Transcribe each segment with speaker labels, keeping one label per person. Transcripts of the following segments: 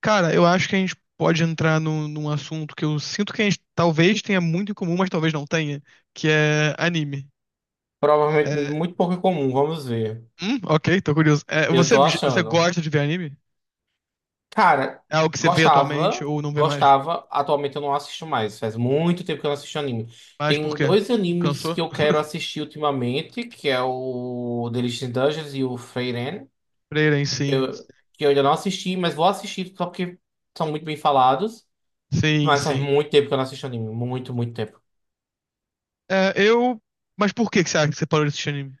Speaker 1: Cara, eu acho que a gente pode entrar num assunto que eu sinto que a gente talvez tenha muito em comum, mas talvez não tenha, que é anime.
Speaker 2: Provavelmente
Speaker 1: É,
Speaker 2: muito pouco comum, vamos ver.
Speaker 1: ok, tô curioso. É,
Speaker 2: Eu
Speaker 1: você,
Speaker 2: tô
Speaker 1: você
Speaker 2: achando.
Speaker 1: gosta de ver anime?
Speaker 2: Cara,
Speaker 1: É algo que você vê atualmente
Speaker 2: gostava,
Speaker 1: ou não vê mais?
Speaker 2: gostava. Atualmente eu não assisto mais. Faz muito tempo que eu não assisto anime.
Speaker 1: Mas por
Speaker 2: Tem
Speaker 1: quê?
Speaker 2: dois animes que
Speaker 1: Cansou?
Speaker 2: eu quero assistir ultimamente, que é o Delicious in Dungeons e o Frieren,
Speaker 1: Freira, sim.
Speaker 2: que eu ainda não assisti, mas vou assistir só porque são muito bem falados.
Speaker 1: Sim,
Speaker 2: Mas faz
Speaker 1: sim.
Speaker 2: muito tempo que eu não assisto anime. Muito, muito tempo.
Speaker 1: É, eu. Mas por que que você acha que você parou de assistir anime?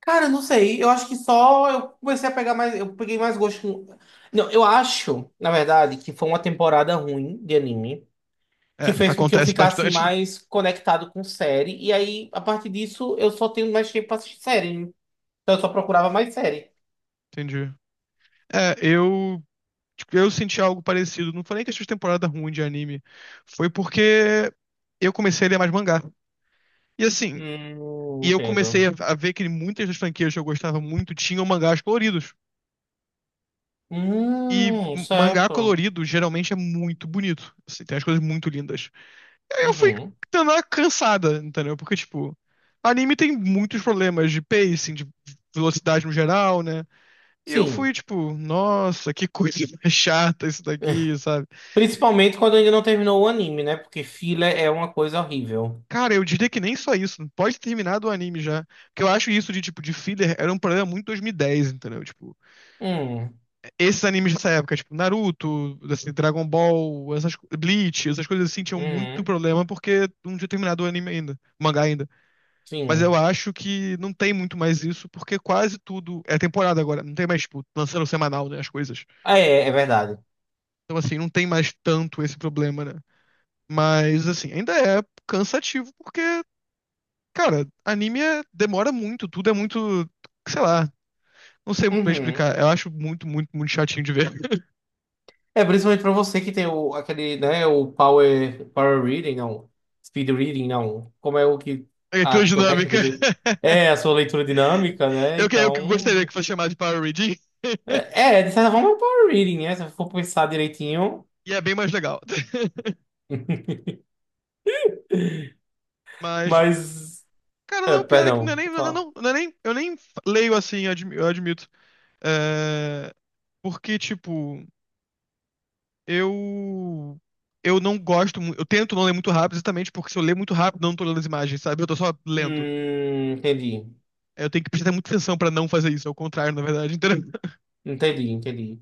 Speaker 2: Cara, eu não sei. Eu acho que só eu comecei a pegar mais. Eu peguei mais gosto. Não, eu acho, na verdade, que foi uma temporada ruim de anime que
Speaker 1: É,
Speaker 2: fez com que eu
Speaker 1: acontece
Speaker 2: ficasse
Speaker 1: bastante.
Speaker 2: mais conectado com série. E aí, a partir disso, eu só tenho mais tempo pra assistir série, né? Então, eu só procurava mais série.
Speaker 1: Entendi. É, eu Tipo, eu senti algo parecido. Não foi nem questão de temporada ruim de anime. Foi porque eu comecei a ler mais mangá. E assim, e eu comecei a
Speaker 2: Entendo.
Speaker 1: a ver que muitas das franquias que eu gostava muito tinham mangás coloridos. E mangá
Speaker 2: Certo.
Speaker 1: colorido geralmente é muito bonito. Assim, tem as coisas muito lindas. Aí eu fui
Speaker 2: Uhum.
Speaker 1: dando uma cansada, entendeu? Porque, tipo, anime tem muitos problemas de pacing, de velocidade no geral, né? E eu
Speaker 2: Sim.
Speaker 1: fui, tipo, nossa, que coisa mais chata isso daqui, sabe?
Speaker 2: Principalmente quando ainda não terminou o anime, né? Porque filler é uma coisa horrível.
Speaker 1: Cara, eu diria que nem só isso. Pode ter terminado o anime já. Porque eu acho isso de, tipo, de filler era um problema muito 2010, entendeu? Tipo,
Speaker 2: Hum,
Speaker 1: esses animes dessa época, tipo, Naruto, assim, Dragon Ball, essas, Bleach, essas coisas assim, tinham muito
Speaker 2: uhum,
Speaker 1: problema porque não tinha terminado o anime ainda, o mangá ainda. Mas eu
Speaker 2: sim.
Speaker 1: acho que não tem muito mais isso, porque quase tudo é temporada agora. Não tem mais, tipo, lançando semanal, né, as coisas.
Speaker 2: É, é verdade.
Speaker 1: Então, assim, não tem mais tanto esse problema, né? Mas, assim, ainda é cansativo porque cara, anime demora muito, tudo é muito, sei lá, não sei pra
Speaker 2: Uhum.
Speaker 1: explicar. Eu acho muito, muito, muito chatinho de ver.
Speaker 2: É, principalmente pra você que tem o, aquele, né, o power reading, não, speed reading, não, como é o que,
Speaker 1: É
Speaker 2: a
Speaker 1: leitura
Speaker 2: tua técnica
Speaker 1: dinâmica.
Speaker 2: de, é, a sua leitura dinâmica, né,
Speaker 1: Eu que gostaria
Speaker 2: então,
Speaker 1: que fosse chamado de Power Reading,
Speaker 2: é, é, de certa forma é um power reading, né, se eu for pensar direitinho,
Speaker 1: e é bem mais legal. Mas,
Speaker 2: mas,
Speaker 1: cara,
Speaker 2: é,
Speaker 1: não, o pior é que não é
Speaker 2: perdão,
Speaker 1: nem,
Speaker 2: vou
Speaker 1: não,
Speaker 2: falar.
Speaker 1: não, não, é nem, eu nem leio assim, eu admito. É, porque, tipo, eu eu não gosto, eu tento não ler muito rápido, exatamente porque se eu ler muito rápido, eu não tô lendo as imagens, sabe? Eu tô só lendo.
Speaker 2: Hum, entendi,
Speaker 1: Eu tenho que prestar muita atenção pra não fazer isso, é o contrário, na verdade. Então,
Speaker 2: Entendi.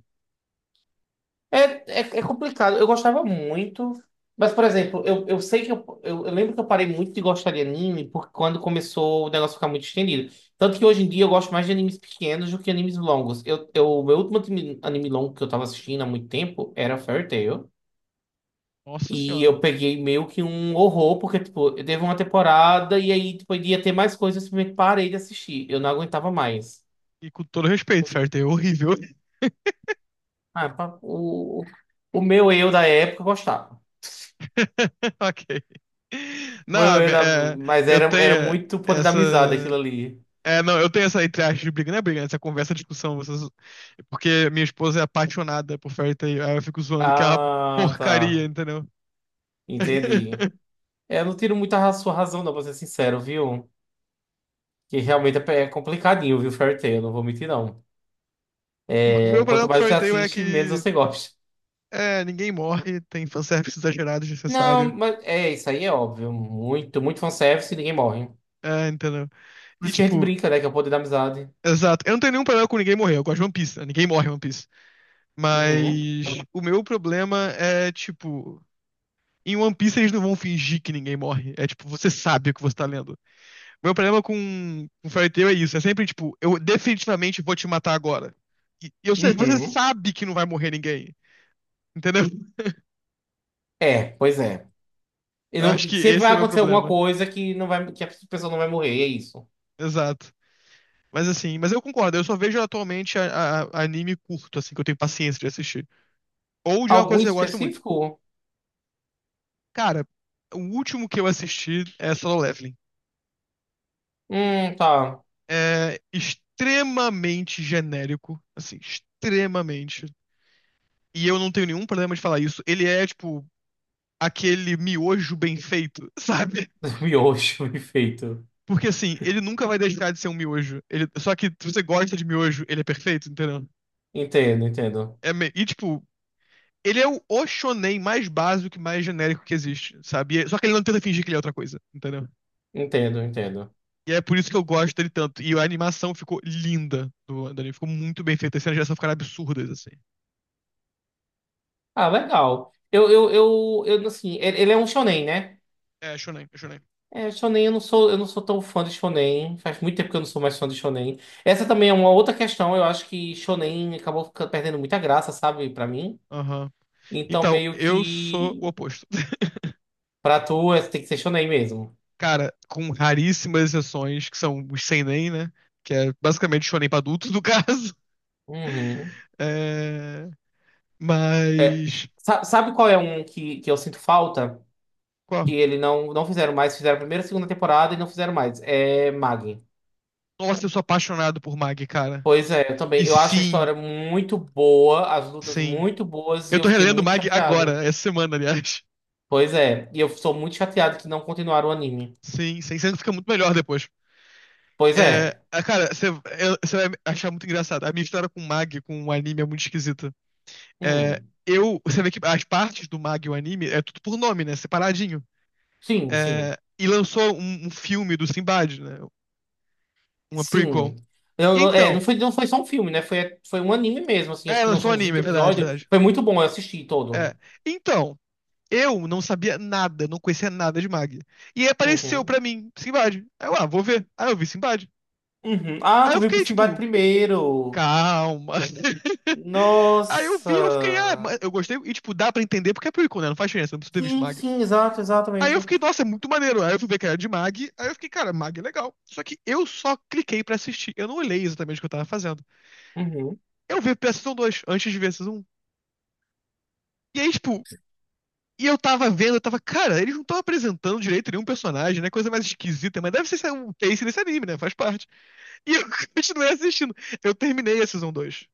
Speaker 2: É, é, é complicado. Eu gostava muito. Mas, por exemplo, eu sei que eu lembro que eu parei muito de gostar de anime porque quando começou o negócio ficar muito estendido. Tanto que hoje em dia eu gosto mais de animes pequenos do que animes longos. O meu último anime, anime longo que eu tava assistindo há muito tempo era Fairy Tail.
Speaker 1: nossa
Speaker 2: E
Speaker 1: senhora.
Speaker 2: eu peguei meio que um horror, porque, tipo, eu teve uma temporada e aí, tipo, ia ter mais coisas, eu simplesmente parei de assistir. Eu não aguentava mais.
Speaker 1: E com todo respeito, certo? É horrível.
Speaker 2: Ah, pa- o, o meu eu da época gostava.
Speaker 1: Ok. Não,
Speaker 2: Eu- eu da- Mas
Speaker 1: eu
Speaker 2: era, era
Speaker 1: tenho
Speaker 2: muito poder da
Speaker 1: essa.
Speaker 2: amizade aquilo ali.
Speaker 1: É, não, eu tenho essa entre aspas de briga, não é briga, né? Essa conversa, discussão, porque minha esposa é apaixonada por Fairy Tail, aí eu fico zoando que é uma
Speaker 2: Ah,
Speaker 1: porcaria,
Speaker 2: tá.
Speaker 1: entendeu?
Speaker 2: Entendi. É, eu não tiro muito a sua razão, não, pra ser sincero, viu? Que realmente é complicadinho, viu, Fairy Tail? Não vou mentir, não.
Speaker 1: O meu
Speaker 2: É,
Speaker 1: problema
Speaker 2: quanto
Speaker 1: com
Speaker 2: mais você
Speaker 1: Fairy Tail é
Speaker 2: assiste, menos
Speaker 1: que
Speaker 2: você gosta.
Speaker 1: é, ninguém morre, tem fanservice exagerado,
Speaker 2: Não,
Speaker 1: desnecessário,
Speaker 2: mas é, isso aí é óbvio. Muito, muito fanservice e ninguém morre.
Speaker 1: é, entendeu?
Speaker 2: Por
Speaker 1: E
Speaker 2: isso que a gente
Speaker 1: tipo,
Speaker 2: brinca, né? Que é o poder da amizade.
Speaker 1: exato. Eu não tenho nenhum problema com ninguém morrer. Eu gosto de One Piece, né? Ninguém morre em One Piece.
Speaker 2: Uhum.
Speaker 1: Mas o meu problema é, tipo, em One Piece eles não vão fingir que ninguém morre. É tipo, você sabe o que você tá lendo. Meu problema com Fairy Tail é isso. É sempre, tipo, eu definitivamente vou te matar agora. E você
Speaker 2: Uhum.
Speaker 1: sabe que não vai morrer ninguém. Entendeu?
Speaker 2: É, pois é.
Speaker 1: Eu acho que
Speaker 2: Sempre vai
Speaker 1: esse é meu
Speaker 2: acontecer alguma
Speaker 1: problema.
Speaker 2: coisa que não vai, que a pessoa não vai morrer, é isso.
Speaker 1: Exato. Mas assim, mas eu concordo, eu só vejo atualmente anime curto, assim, que eu tenho paciência de assistir. Ou de uma
Speaker 2: Algum
Speaker 1: coisa que eu gosto muito.
Speaker 2: específico?
Speaker 1: Cara, o último que eu assisti é Solo Leveling.
Speaker 2: Tá.
Speaker 1: É extremamente genérico, assim, extremamente. E eu não tenho nenhum problema de falar isso. Ele é, tipo, aquele miojo bem feito, sabe?
Speaker 2: Miojo e feito.
Speaker 1: Porque, assim, ele nunca vai deixar de ser um miojo. Ele... Só que se você gosta de miojo, ele é perfeito, entendeu?
Speaker 2: Entendo, entendo.
Speaker 1: E, tipo, ele é o shonen mais básico e mais genérico que existe, sabe? E só que ele não tenta fingir que ele é outra coisa, entendeu?
Speaker 2: Entendo, entendo.
Speaker 1: E é por isso que eu gosto dele tanto. E a animação ficou linda do anime. Ficou muito bem feita. As cenas de ação ficaram absurdas, assim.
Speaker 2: Ah, legal. Eu assim, ele é um shonen, né?
Speaker 1: É, shonen, é shonen.
Speaker 2: É, shonen eu não sou tão fã de shonen. Faz muito tempo que eu não sou mais fã de shonen. Essa também é uma outra questão. Eu acho que shonen perdendo muita graça, sabe, pra mim.
Speaker 1: Aham.
Speaker 2: Então
Speaker 1: Então,
Speaker 2: meio
Speaker 1: eu sou o
Speaker 2: que
Speaker 1: oposto.
Speaker 2: tem que ser shonen mesmo.
Speaker 1: Cara, com raríssimas exceções, que são os seinen, né? Que é basicamente shonen pra adultos, no caso.
Speaker 2: Uhum.
Speaker 1: É...
Speaker 2: É,
Speaker 1: Mas...
Speaker 2: sabe qual é um que eu sinto falta? Que
Speaker 1: Qual?
Speaker 2: ele não fizeram mais, fizeram a primeira e segunda temporada e não fizeram mais. É Mag.
Speaker 1: Nossa, eu sou apaixonado por Mag, cara.
Speaker 2: Pois é, eu também.
Speaker 1: E
Speaker 2: Eu acho a
Speaker 1: sim,
Speaker 2: história muito boa, as lutas
Speaker 1: sim.
Speaker 2: muito boas,
Speaker 1: Eu
Speaker 2: e eu
Speaker 1: tô
Speaker 2: fiquei
Speaker 1: relendo
Speaker 2: muito
Speaker 1: Mag
Speaker 2: chateado.
Speaker 1: agora, essa semana, aliás.
Speaker 2: Pois é, e eu sou muito chateado que não continuaram o anime.
Speaker 1: Sim, sim. Sempre fica muito melhor depois.
Speaker 2: Pois
Speaker 1: É,
Speaker 2: é.
Speaker 1: ah, cara, você vai achar muito engraçado. A minha história com o Mag, com o anime, é muito esquisita. É,
Speaker 2: Hum.
Speaker 1: eu, você vê que as partes do Mag e o anime é tudo por nome, né? Separadinho.
Speaker 2: Sim, sim.
Speaker 1: É, e lançou um filme do Sinbad, né? Uma prequel.
Speaker 2: Sim. Não
Speaker 1: Então,
Speaker 2: foi, não foi só um filme, né? Foi, foi um anime mesmo, assim. Acho
Speaker 1: é,
Speaker 2: que
Speaker 1: lançou
Speaker 2: lançou
Speaker 1: um
Speaker 2: uns
Speaker 1: anime,
Speaker 2: vinte
Speaker 1: é verdade, é
Speaker 2: episódios.
Speaker 1: verdade.
Speaker 2: Foi muito bom, eu assisti todo.
Speaker 1: É. Então, eu não sabia nada, não conhecia nada de Mag. E aí apareceu pra
Speaker 2: Uhum.
Speaker 1: mim, Sinbad. Aí eu, ah, vou ver. Aí eu vi Sinbad.
Speaker 2: Uhum. Ah,
Speaker 1: Aí
Speaker 2: tu
Speaker 1: eu
Speaker 2: veio pro
Speaker 1: fiquei,
Speaker 2: Sinbad
Speaker 1: tipo,
Speaker 2: primeiro.
Speaker 1: calma. Aí eu vi, eu fiquei, ah,
Speaker 2: Nossa.
Speaker 1: mas eu gostei. E, tipo, dá pra entender porque é prequel, né? Não faz diferença, não preciso ter visto
Speaker 2: Sim,
Speaker 1: Mag.
Speaker 2: sim, exato,
Speaker 1: Aí eu
Speaker 2: exatamente.
Speaker 1: fiquei, nossa, é muito maneiro. Aí eu fui ver que era de Mag. Aí eu fiquei, cara, Mag é legal. Só que eu só cliquei pra assistir. Eu não olhei exatamente o que eu tava fazendo.
Speaker 2: Uhum.
Speaker 1: Eu vi a Season 2 antes de ver a Season 1. E aí, tipo, e eu tava vendo, eu tava, cara, eles não estão apresentando direito nenhum personagem, né? Coisa mais esquisita. Mas deve ser um case desse anime, né? Faz parte. E eu continuei assistindo. Eu terminei a Season 2.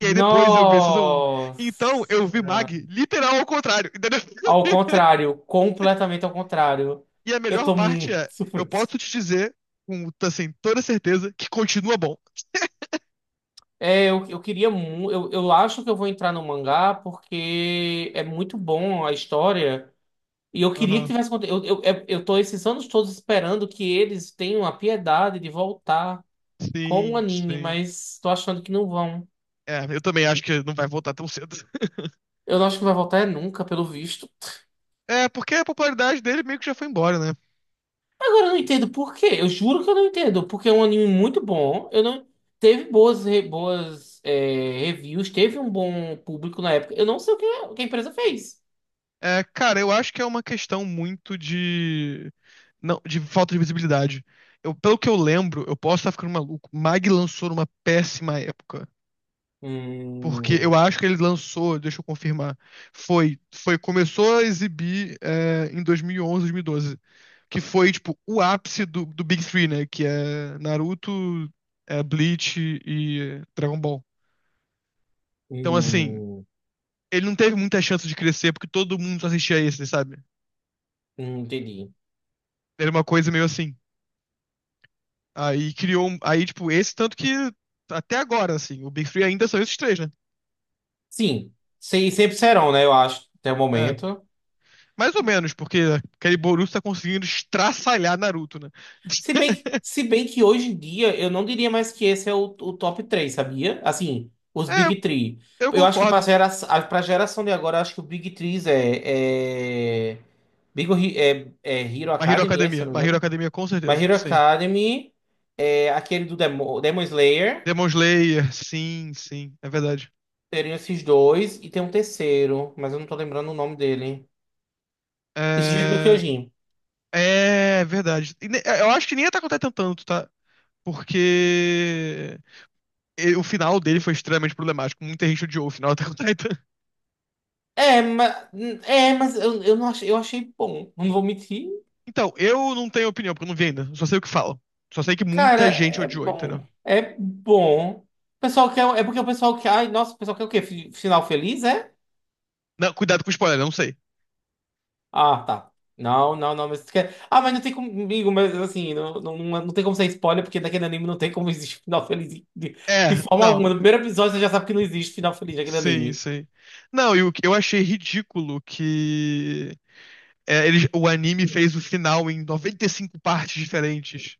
Speaker 1: E aí depois eu vi a Season 1.
Speaker 2: Nossa.
Speaker 1: Então eu vi Mag literal ao contrário, entendeu?
Speaker 2: Ao contrário, completamente ao contrário.
Speaker 1: E a
Speaker 2: Eu
Speaker 1: melhor
Speaker 2: tô
Speaker 1: parte
Speaker 2: muito
Speaker 1: é, eu
Speaker 2: preso.
Speaker 1: posso te dizer com assim, toda certeza que continua bom.
Speaker 2: É, eu queria muito. Eu acho que eu vou entrar no mangá porque é muito bom a história. E eu queria que
Speaker 1: Aham.
Speaker 2: tivesse eu tô esses anos todos esperando que eles tenham a piedade de voltar com o
Speaker 1: Sim,
Speaker 2: anime,
Speaker 1: sim.
Speaker 2: mas tô achando que não vão.
Speaker 1: É, eu também acho que não vai voltar tão cedo.
Speaker 2: Eu não acho que vai voltar é nunca, pelo visto.
Speaker 1: É, porque a popularidade dele meio que já foi embora, né?
Speaker 2: Agora eu não entendo por quê. Eu juro que eu não entendo. Porque é um anime muito bom. Eu não... Teve boas, é, reviews, teve um bom público na época. Eu não sei o que a empresa fez.
Speaker 1: É, cara, eu acho que é uma questão muito de. Não, de falta de visibilidade. Eu, pelo que eu lembro, eu posso estar ficando maluco. Mag lançou numa péssima época. Porque eu
Speaker 2: Hum,
Speaker 1: acho que ele lançou, deixa eu confirmar, foi, foi começou a exibir é, em 2011, 2012, que foi tipo o ápice do Big Three, né? Que é Naruto, é, Bleach e Dragon Ball. Então assim,
Speaker 2: hum,
Speaker 1: ele não teve muita chance de crescer porque todo mundo só assistia esse, sabe?
Speaker 2: entendi.
Speaker 1: Era uma coisa meio assim. Aí criou, aí tipo esse tanto que até agora assim, o Big Three ainda são esses três, né?
Speaker 2: Sim, sempre serão, né? Eu acho, até o
Speaker 1: É,
Speaker 2: momento.
Speaker 1: mais ou menos, porque aquele Boruto tá conseguindo estraçalhar Naruto, né?
Speaker 2: Se bem se bem que hoje em dia eu não diria mais que esse é o top três, sabia? Assim, os
Speaker 1: É,
Speaker 2: Big Three.
Speaker 1: eu
Speaker 2: Eu acho que
Speaker 1: concordo.
Speaker 2: pra geração de agora, eu acho que o Big Three é, é, Big Hero, é, é Hero
Speaker 1: My Hero
Speaker 2: Academy, é, se eu
Speaker 1: Academia.
Speaker 2: não me
Speaker 1: My Hero
Speaker 2: engano.
Speaker 1: Academia, com
Speaker 2: Mas
Speaker 1: certeza.
Speaker 2: Hero
Speaker 1: Sim.
Speaker 2: Academy, é aquele do Demon Slayer,
Speaker 1: Demon Slayer, sim, sim. É verdade.
Speaker 2: teriam esses dois, e tem um terceiro, mas eu não tô lembrando o nome dele. Esse jeito do
Speaker 1: É,
Speaker 2: Kyojin.
Speaker 1: é verdade. E eu acho que nem Attack on Titan tanto, tá? Porque o final dele foi extremamente problemático. Muita gente odiou o final do Attack on Titan.
Speaker 2: É, mas, é, mas não achei, eu achei bom, não vou mentir.
Speaker 1: Então, eu não tenho opinião, porque eu não vi ainda. Só sei o que falam. Só sei que
Speaker 2: Cara,
Speaker 1: muita gente
Speaker 2: é
Speaker 1: odiou, entendeu?
Speaker 2: bom. É bom. O pessoal quer. É porque o pessoal quer. Ai, nossa, o pessoal quer o quê? Final feliz, é?
Speaker 1: Não, cuidado com o spoiler, eu não sei.
Speaker 2: Ah, tá. Não, não, não, mas tu quer. Ah, mas não tem comigo, mas assim, não, não, não, não tem como ser spoiler, porque daquele anime não tem como existir final feliz de, de
Speaker 1: É,
Speaker 2: forma
Speaker 1: não.
Speaker 2: alguma. No primeiro episódio você já sabe que não existe final feliz daquele
Speaker 1: Sim,
Speaker 2: anime.
Speaker 1: sim. Não, e o que eu achei ridículo que é, o anime fez o final em 95 partes diferentes.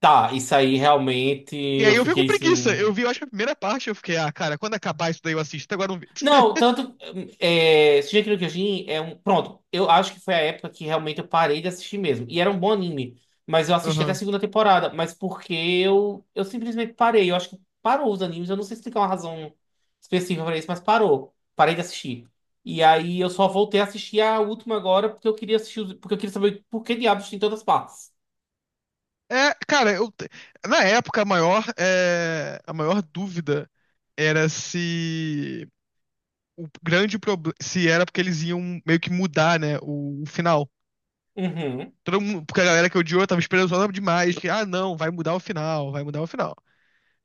Speaker 2: Tá, isso aí realmente
Speaker 1: E aí
Speaker 2: eu
Speaker 1: eu fiquei com
Speaker 2: fiquei
Speaker 1: preguiça. Eu
Speaker 2: assim.
Speaker 1: vi, eu acho que a primeira parte, eu fiquei, ah, cara, quando acabar isso daí eu assisto. Até agora eu não vi.
Speaker 2: Não, tanto. Hum, é, Shingeki no Kyojin é um. Pronto, eu acho que foi a época que realmente eu parei de assistir mesmo. E era um bom anime. Mas eu assisti até a
Speaker 1: Aham.
Speaker 2: segunda temporada. Mas porque eu simplesmente parei. Eu acho que parou os animes. Eu não sei explicar uma razão específica pra isso, mas parou. Parei de assistir. E aí eu só voltei a assistir a última agora porque eu queria assistir porque eu queria saber por que diabos tem todas as partes.
Speaker 1: É, cara, eu, na época a maior dúvida era se o grande problema, se era porque eles iam meio que mudar, né, o final.
Speaker 2: Uhum,
Speaker 1: Todo mundo, porque a galera que odiou tava esperando demais, que, ah, não, vai mudar o final, vai mudar o final.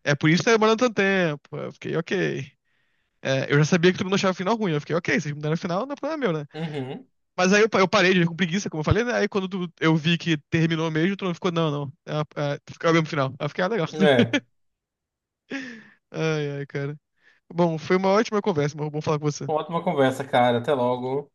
Speaker 1: É por isso que tá demorando tanto tempo. Eu fiquei, ok. É, eu já sabia que todo mundo achava o final ruim. Eu fiquei, ok, vocês mudaram o final, não é problema meu, né?
Speaker 2: uhum.
Speaker 1: Mas aí eu, eu parei de ver com preguiça, como eu falei, né? Aí quando eu vi que terminou mesmo, todo mundo ficou, não, não. É, ficou o mesmo final. Aí eu fiquei, ah, legal.
Speaker 2: É.
Speaker 1: Ai, ai, cara. Bom, foi uma ótima conversa, mas bom falar com você.
Speaker 2: Uma ótima conversa, cara. Até logo.